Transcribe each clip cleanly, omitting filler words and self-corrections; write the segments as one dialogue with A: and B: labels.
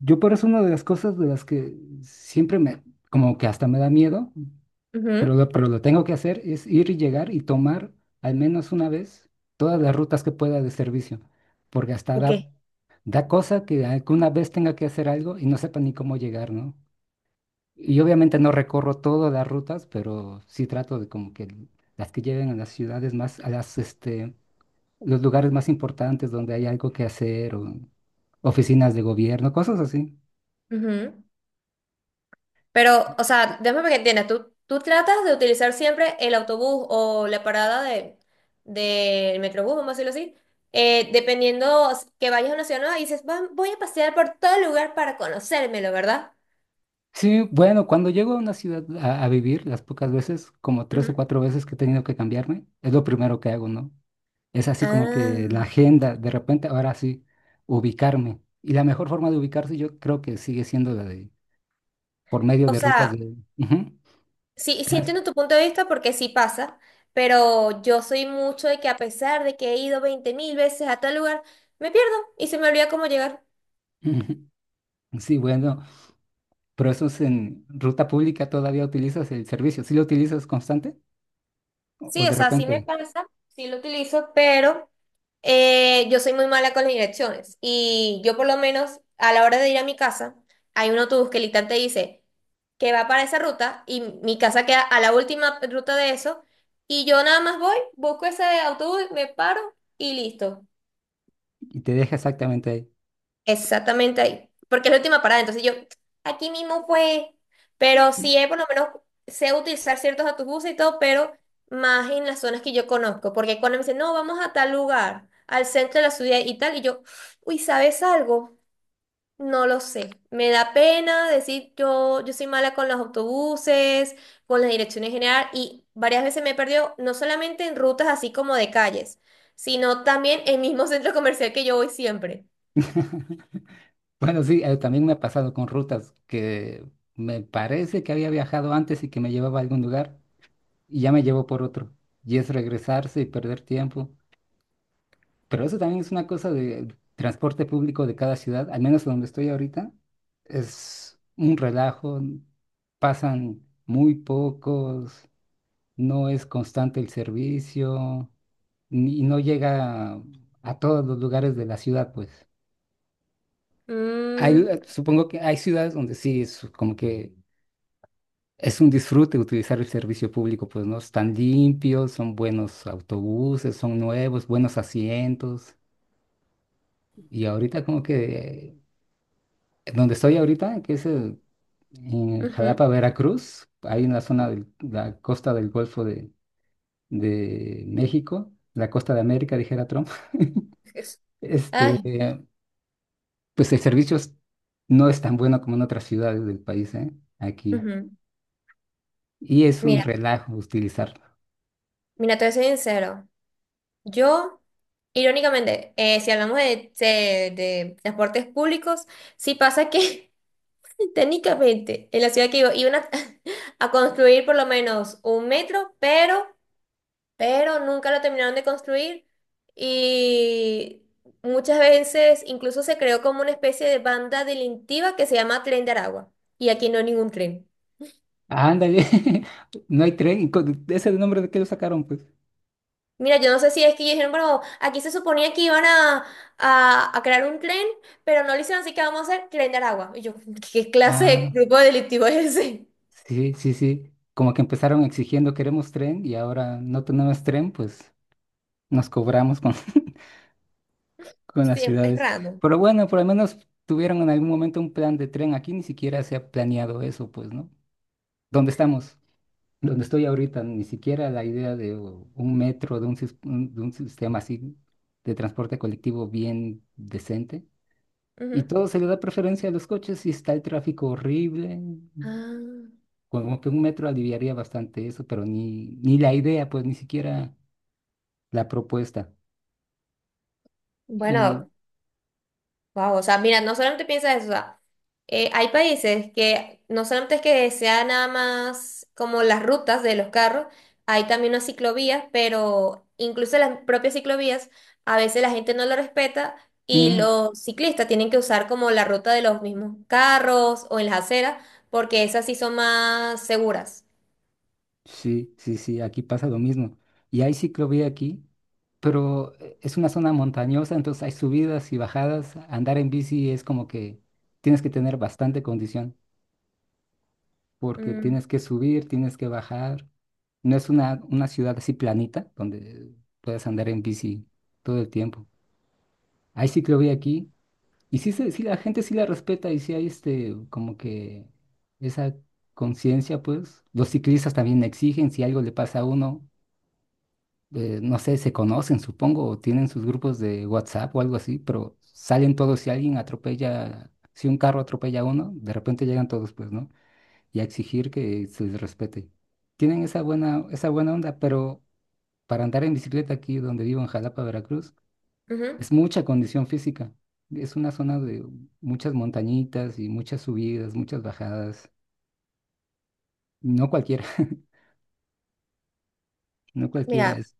A: Yo por eso, una de las cosas de las que siempre como que hasta me da miedo,
B: Ujú.
A: pero lo tengo que hacer, es ir y llegar y tomar al menos una vez todas las rutas que pueda de servicio, porque hasta
B: ¿Por qué?
A: da cosa que alguna vez tenga que hacer algo y no sepa ni cómo llegar, ¿no? Y obviamente no recorro todas las rutas, pero sí trato de como que las que lleven a las ciudades más, a las, los lugares más importantes donde hay algo que hacer o oficinas de gobierno, cosas así.
B: Ujú. Pero, o sea, déjame que entiendas, tú tratas de utilizar siempre el autobús o la parada del metrobús, vamos a decirlo así, dependiendo que vayas a una ciudad nueva y dices, voy a pasear por todo el lugar para conocérmelo", ¿verdad?
A: Sí, bueno, cuando llego a una ciudad a vivir, las pocas veces, como tres o
B: Ujú.
A: cuatro veces que he tenido que cambiarme, es lo primero que hago, ¿no? Es así como que
B: Ah,
A: la agenda, de repente, ahora sí, ubicarme. Y la mejor forma de ubicarse yo creo que sigue siendo la de, por medio
B: o
A: de rutas
B: sea,
A: de. Ujú.
B: sí, sí
A: trans-
B: entiendo tu punto de vista porque sí pasa, pero yo soy mucho de que, a pesar de que he ido 20.000 veces a tal lugar, me pierdo y se me olvida cómo llegar.
A: Ujú. Sí, bueno, pero eso es en ruta pública, todavía utilizas el servicio. ¿Sí lo utilizas constante o
B: Sí, o
A: de
B: sea, sí
A: repente
B: me pasa, sí lo utilizo, pero yo soy muy mala con las direcciones. Y yo, por lo menos a la hora de ir a mi casa, hay un autobús que literalmente dice que va para esa ruta y mi casa queda a la última ruta de eso. Y yo nada más voy, busco ese autobús, me paro y listo.
A: y te deja exactamente ahí?
B: Exactamente ahí, porque es la última parada. Entonces yo, aquí mismo fue, pero sí, por lo menos sé utilizar ciertos autobuses y todo, pero más en las zonas que yo conozco, porque cuando me dicen, "No, vamos a tal lugar, al centro de la ciudad y tal", y yo, "Uy, ¿sabes algo? No lo sé". Me da pena decir, yo soy mala con los autobuses, con las direcciones general, y varias veces me he perdido, no solamente en rutas así como de calles, sino también en el mismo centro comercial que yo voy siempre.
A: Bueno, sí, también me ha pasado con rutas que me parece que había viajado antes y que me llevaba a algún lugar y ya me llevó por otro. Y es regresarse y perder tiempo. Pero eso también es una cosa de transporte público de cada ciudad, al menos donde estoy ahorita. Es un relajo, pasan muy pocos, no es constante el servicio y no llega a todos los lugares de la ciudad, pues. Hay,
B: Mm.
A: supongo que hay ciudades donde sí es como que es un disfrute utilizar el servicio público, pues no están limpios, son buenos autobuses, son nuevos, buenos asientos. Y ahorita como que donde estoy ahorita, que es en
B: Ujú.
A: Jalapa, Veracruz, ahí en la zona de la costa del Golfo de México, la costa de América, dijera Trump,
B: Es-
A: este,
B: Ay,
A: eh, pues el servicio no es tan bueno como en otras ciudades del país, ¿eh? Aquí.
B: ujú.
A: Y es un
B: Mira,
A: relajo utilizar.
B: mira, te voy a ser sincero. Yo, irónicamente, si hablamos de transportes públicos, sí pasa que técnicamente en la ciudad que vivo iban a a construir por lo menos un metro, pero nunca lo terminaron de construir, y muchas veces incluso se creó como una especie de banda delictiva que se llama Tren de Aragua, y aquí no hay ningún tren.
A: Ándale, no hay tren. Y ¿ese nombre de qué lo sacaron, pues?
B: Mira, yo no sé si es que ellos dijeron, "Bueno, aquí se suponía que iban a crear un tren, pero no lo hicieron, así que vamos a hacer Tren de Aragua". Y yo, ¿qué clase de
A: Ah,
B: grupo delictivo es ese?
A: sí, sí, sí. Como que empezaron exigiendo queremos tren y ahora no tenemos tren, pues nos cobramos con, con las
B: Sí, es
A: ciudades.
B: random.
A: Pero bueno, por lo menos tuvieron en algún momento un plan de tren. Aquí ni siquiera se ha planeado eso, pues, ¿no? ¿Dónde estamos? Donde estoy ahorita, ni siquiera la idea de un metro, de un, de un sistema así de transporte colectivo bien decente. Y
B: Ujú.
A: todo se le da preferencia a los coches y está el tráfico horrible.
B: Ah,
A: Como que un metro aliviaría bastante eso, pero ni la idea, pues ni siquiera la propuesta. Y
B: bueno. Wow, o sea, mira, no solamente piensa eso. O sea, hay países que no solamente es que sea nada más como las rutas de los carros, hay también unas ciclovías, pero incluso las propias ciclovías, a veces la gente no lo respeta y
A: mm,
B: los ciclistas tienen que usar como la ruta de los mismos carros o en las aceras, porque esas sí son más seguras.
A: sí, sí, sí, aquí pasa lo mismo. Y hay ciclovía aquí, pero es una zona montañosa, entonces hay subidas y bajadas. Andar en bici es como que tienes que tener bastante condición, porque
B: Mm,
A: tienes que subir, tienes que bajar. No es una ciudad así planita donde puedes andar en bici todo el tiempo. Hay ciclovía aquí y sí, sí la gente sí la respeta, y sí hay como que esa conciencia, pues. Los ciclistas también exigen si algo le pasa a uno, no sé, se conocen, supongo, o tienen sus grupos de WhatsApp o algo así, pero salen todos si alguien atropella, si un carro atropella a uno, de repente llegan todos, pues, ¿no? Y a exigir que se les respete. Tienen esa buena onda, pero para andar en bicicleta aquí donde vivo en Jalapa, Veracruz,
B: ujú.
A: es mucha condición física. Es una zona de muchas montañitas y muchas subidas, muchas bajadas. No cualquiera, no cualquiera
B: Mira.
A: es.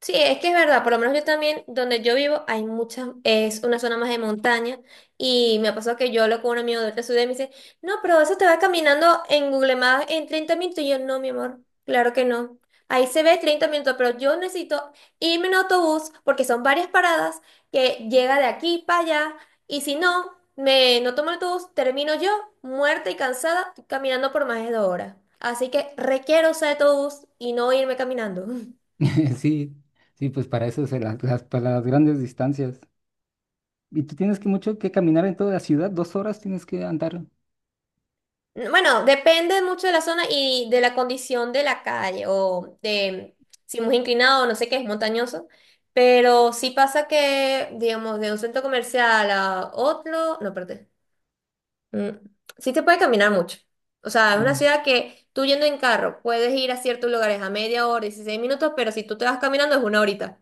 B: Sí, es que es verdad. Por lo menos yo también, donde yo vivo, hay muchas, es una zona más de montaña, y me pasó que yo hablo con un amigo de otra ciudad y me dice, "No, pero eso te va caminando en Google Maps en 30 minutos". Y yo, "No, mi amor, claro que no. Ahí se ve 30 minutos, pero yo necesito irme en autobús porque son varias paradas que llega de aquí para allá, y si no, me no tomo el autobús, termino yo muerta y cansada caminando por más de 2 horas. Así que requiero usar autobús y no irme caminando".
A: Sí, sí, pues para eso se para las grandes distancias. Y tú tienes que mucho que caminar en toda la ciudad, 2 horas tienes que andar.
B: Bueno, depende mucho de la zona y de la condición de la calle, o de si es muy inclinado o no sé, qué es montañoso, pero sí pasa que, digamos, de un centro comercial a otro, no, perdón, sí te puede caminar mucho. O sea, es una
A: Mm.
B: ciudad que tú, yendo en carro, puedes ir a ciertos lugares a media hora, 16 minutos, pero si tú te vas caminando es una horita.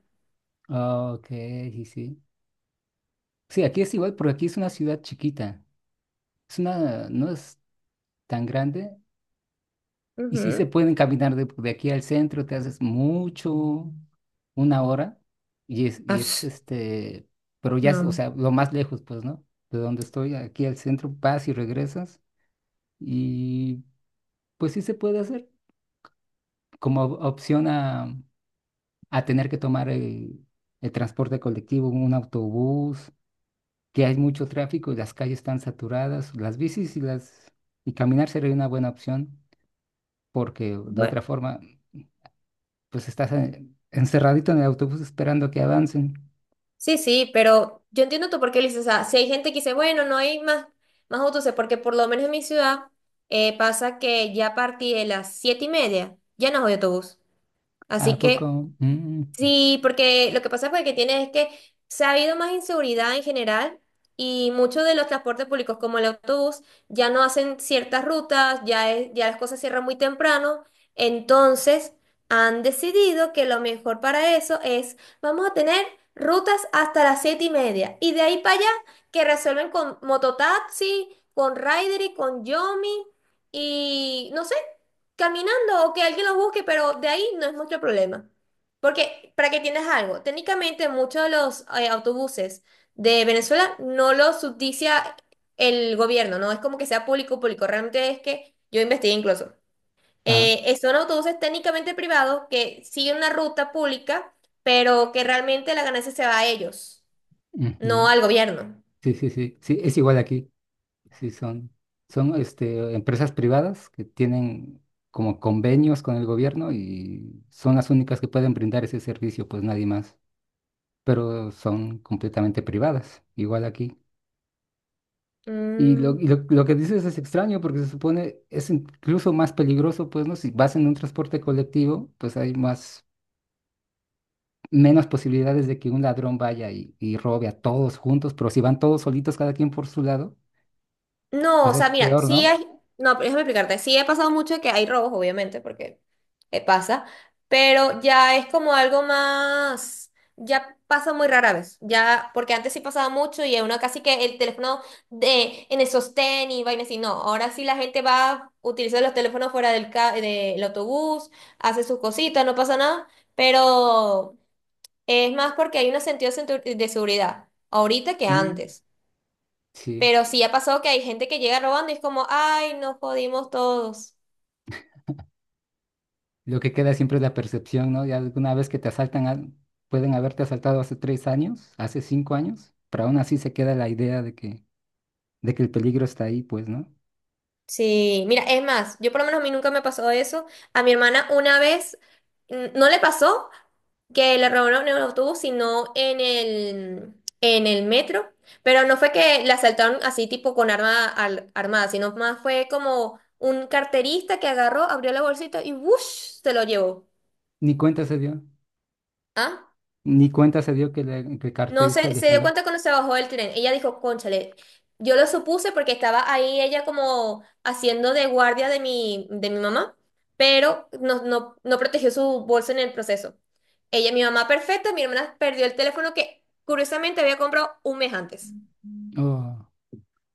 A: Ah, Ok, sí, sí. Sí, aquí es igual, porque aquí es una ciudad chiquita. Es una, no es tan grande. Y sí se
B: Ujú.
A: pueden caminar de aquí al centro, te haces mucho, una hora, y es,
B: Ah,
A: y es
B: pf.
A: pero ya, es, o
B: No.
A: sea, lo más lejos, pues, ¿no? De donde estoy, aquí al centro, vas y regresas, y pues sí se puede hacer como opción a tener que tomar el transporte colectivo, un autobús, que hay mucho tráfico y las calles están saturadas, las bicis y las, y caminar sería una buena opción, porque de otra forma pues estás encerradito en el autobús esperando que avancen.
B: Sí, sí, pero yo entiendo tú por qué lo dices. O sea, si hay gente que dice, "Bueno, no hay más", más autobuses, porque por lo menos en mi ciudad pasa que ya a partir de las 7:30 ya no hay autobús. Así
A: ¿A
B: que,
A: poco? Mm.
B: sí, porque lo que pasa fue que tiene es que se ha habido más inseguridad en general, y muchos de los transportes públicos como el autobús ya no hacen ciertas rutas. Ya, ya las cosas cierran muy temprano, entonces han decidido que lo mejor para eso es vamos a tener rutas hasta las 7:30, y de ahí para allá que resuelven con mototaxi, con Rider y con Yomi, y no sé, caminando o que alguien los busque, pero de ahí no es mucho problema. Porque, para que entiendas algo, técnicamente muchos de los autobuses de Venezuela no los subsidia el gobierno. No es como que sea público, público, realmente, es que yo investigué incluso.
A: Ah.
B: Son autobuses técnicamente privados que siguen una ruta pública, pero que realmente la ganancia se va a ellos, no
A: Ujú.
B: al gobierno.
A: Sí, sí, sí, sí, es igual aquí. Sí, son empresas privadas que tienen como convenios con el gobierno y son las únicas que pueden brindar ese servicio, pues nadie más. Pero son completamente privadas, igual aquí. Y lo,
B: Mm.
A: y lo, lo que dices es extraño porque se supone es incluso más peligroso, pues, ¿no? Si vas en un transporte colectivo, pues hay más menos posibilidades de que un ladrón vaya y robe a todos juntos, pero si van todos solitos, cada quien por su lado,
B: No,
A: pues
B: o
A: es
B: sea, mira,
A: peor,
B: sí
A: ¿no?
B: hay, no, pero déjame explicarte, sí he pasado mucho que hay robos, obviamente, porque pasa, pero ya es como algo más, ya pasa muy rara vez. Ya, porque antes sí pasaba mucho y uno casi que el teléfono de, en el sostén y vainas, y no, ahora sí la gente va, utiliza los teléfonos fuera del, del autobús, hace sus cositas, no pasa nada, pero es más porque hay un sentido de de seguridad ahorita que
A: Mm,
B: antes.
A: sí,
B: Pero sí ha pasado que hay gente que llega robando y es como, "Ay, nos jodimos todos".
A: lo que queda siempre es la percepción, ¿no? Ya alguna vez que te asaltan, pueden haberte asaltado hace 3 años, hace 5 años, pero aún así se queda la idea de que el peligro está ahí, pues, ¿no?
B: Sí, mira, es más, yo por lo menos, a mí nunca me pasó eso. A mi hermana una vez, mm, no le pasó, que le robaron en el autobús, sino en el metro. Pero no fue que la asaltaron así tipo con arma armada, sino más fue como un carterista que agarró, abrió la bolsita y ¡wush!, se lo llevó.
A: Ni cuenta se dio,
B: ¿Ah?
A: ni cuenta se dio que le que el
B: No
A: carterista le
B: se dio
A: jaló.
B: cuenta cuando se bajó del tren. Ella dijo, "Cónchale". Yo lo supuse porque estaba ahí ella como haciendo de guardia de de mi mamá, pero no, no, no protegió su bolso en el proceso. Ella, mi mamá perfecta, mi hermana perdió el teléfono que curiosamente había comprado un mes antes.
A: Oh,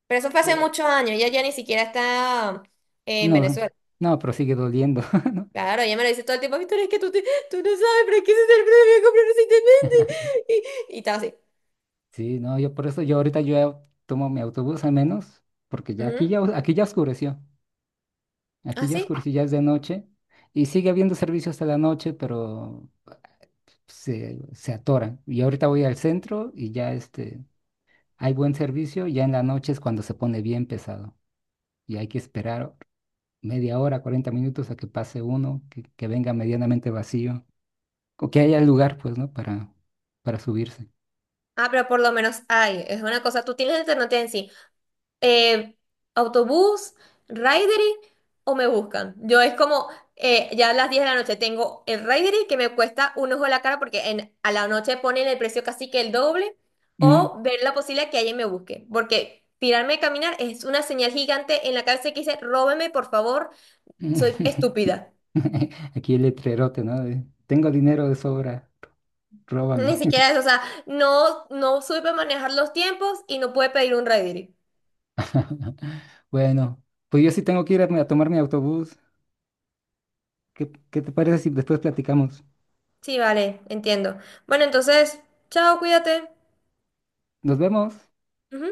B: Pero eso fue hace
A: eh,
B: muchos años, ella ya ni siquiera está en
A: no,
B: Venezuela.
A: no, pero sigue doliendo.
B: Claro, ella me lo dice todo el tiempo, "Victoria, es que tú, tú no sabes, pero es que ese teléfono lo había comprado recientemente". Y estaba así.
A: Sí, no, yo por eso, yo ahorita yo ya tomo mi autobús al menos, porque ya
B: Ujú.
A: aquí ya oscureció,
B: ¿Ah, sí?
A: ya es de noche, y sigue habiendo servicio hasta la noche, pero se atoran. Y ahorita voy al centro y ya hay buen servicio, ya en la noche es cuando se pone bien pesado, y hay que esperar media hora, 40 minutos a que pase uno, que venga medianamente vacío, o que haya lugar, pues, ¿no? Para subirse.
B: Ah, pero por lo menos hay, es una cosa, tú tienes alternativa en sí. Eh, autobús, Ridery o me buscan. Yo es como, ya a las 10 de la noche tengo el Ridery que me cuesta un ojo de la cara, porque en, a la noche ponen el precio casi que el doble,
A: Mm.
B: o ver la posibilidad que alguien me busque. Porque tirarme a caminar es una señal gigante en la cabeza que dice, "Róbeme por favor, soy
A: Mm.
B: estúpida".
A: Aquí el letrerote, ¿no? De, tengo dinero de sobra,
B: Ni
A: róbame.
B: siquiera eso. O sea, no, no supe manejar los tiempos y no pude pedir un Ridery.
A: Bueno, pues yo sí tengo que ir a tomar mi autobús. ¿Qué te parece si después platicamos?
B: Sí, vale, entiendo. Bueno, entonces, chao, cuídate.
A: Nos vemos.
B: Ujú.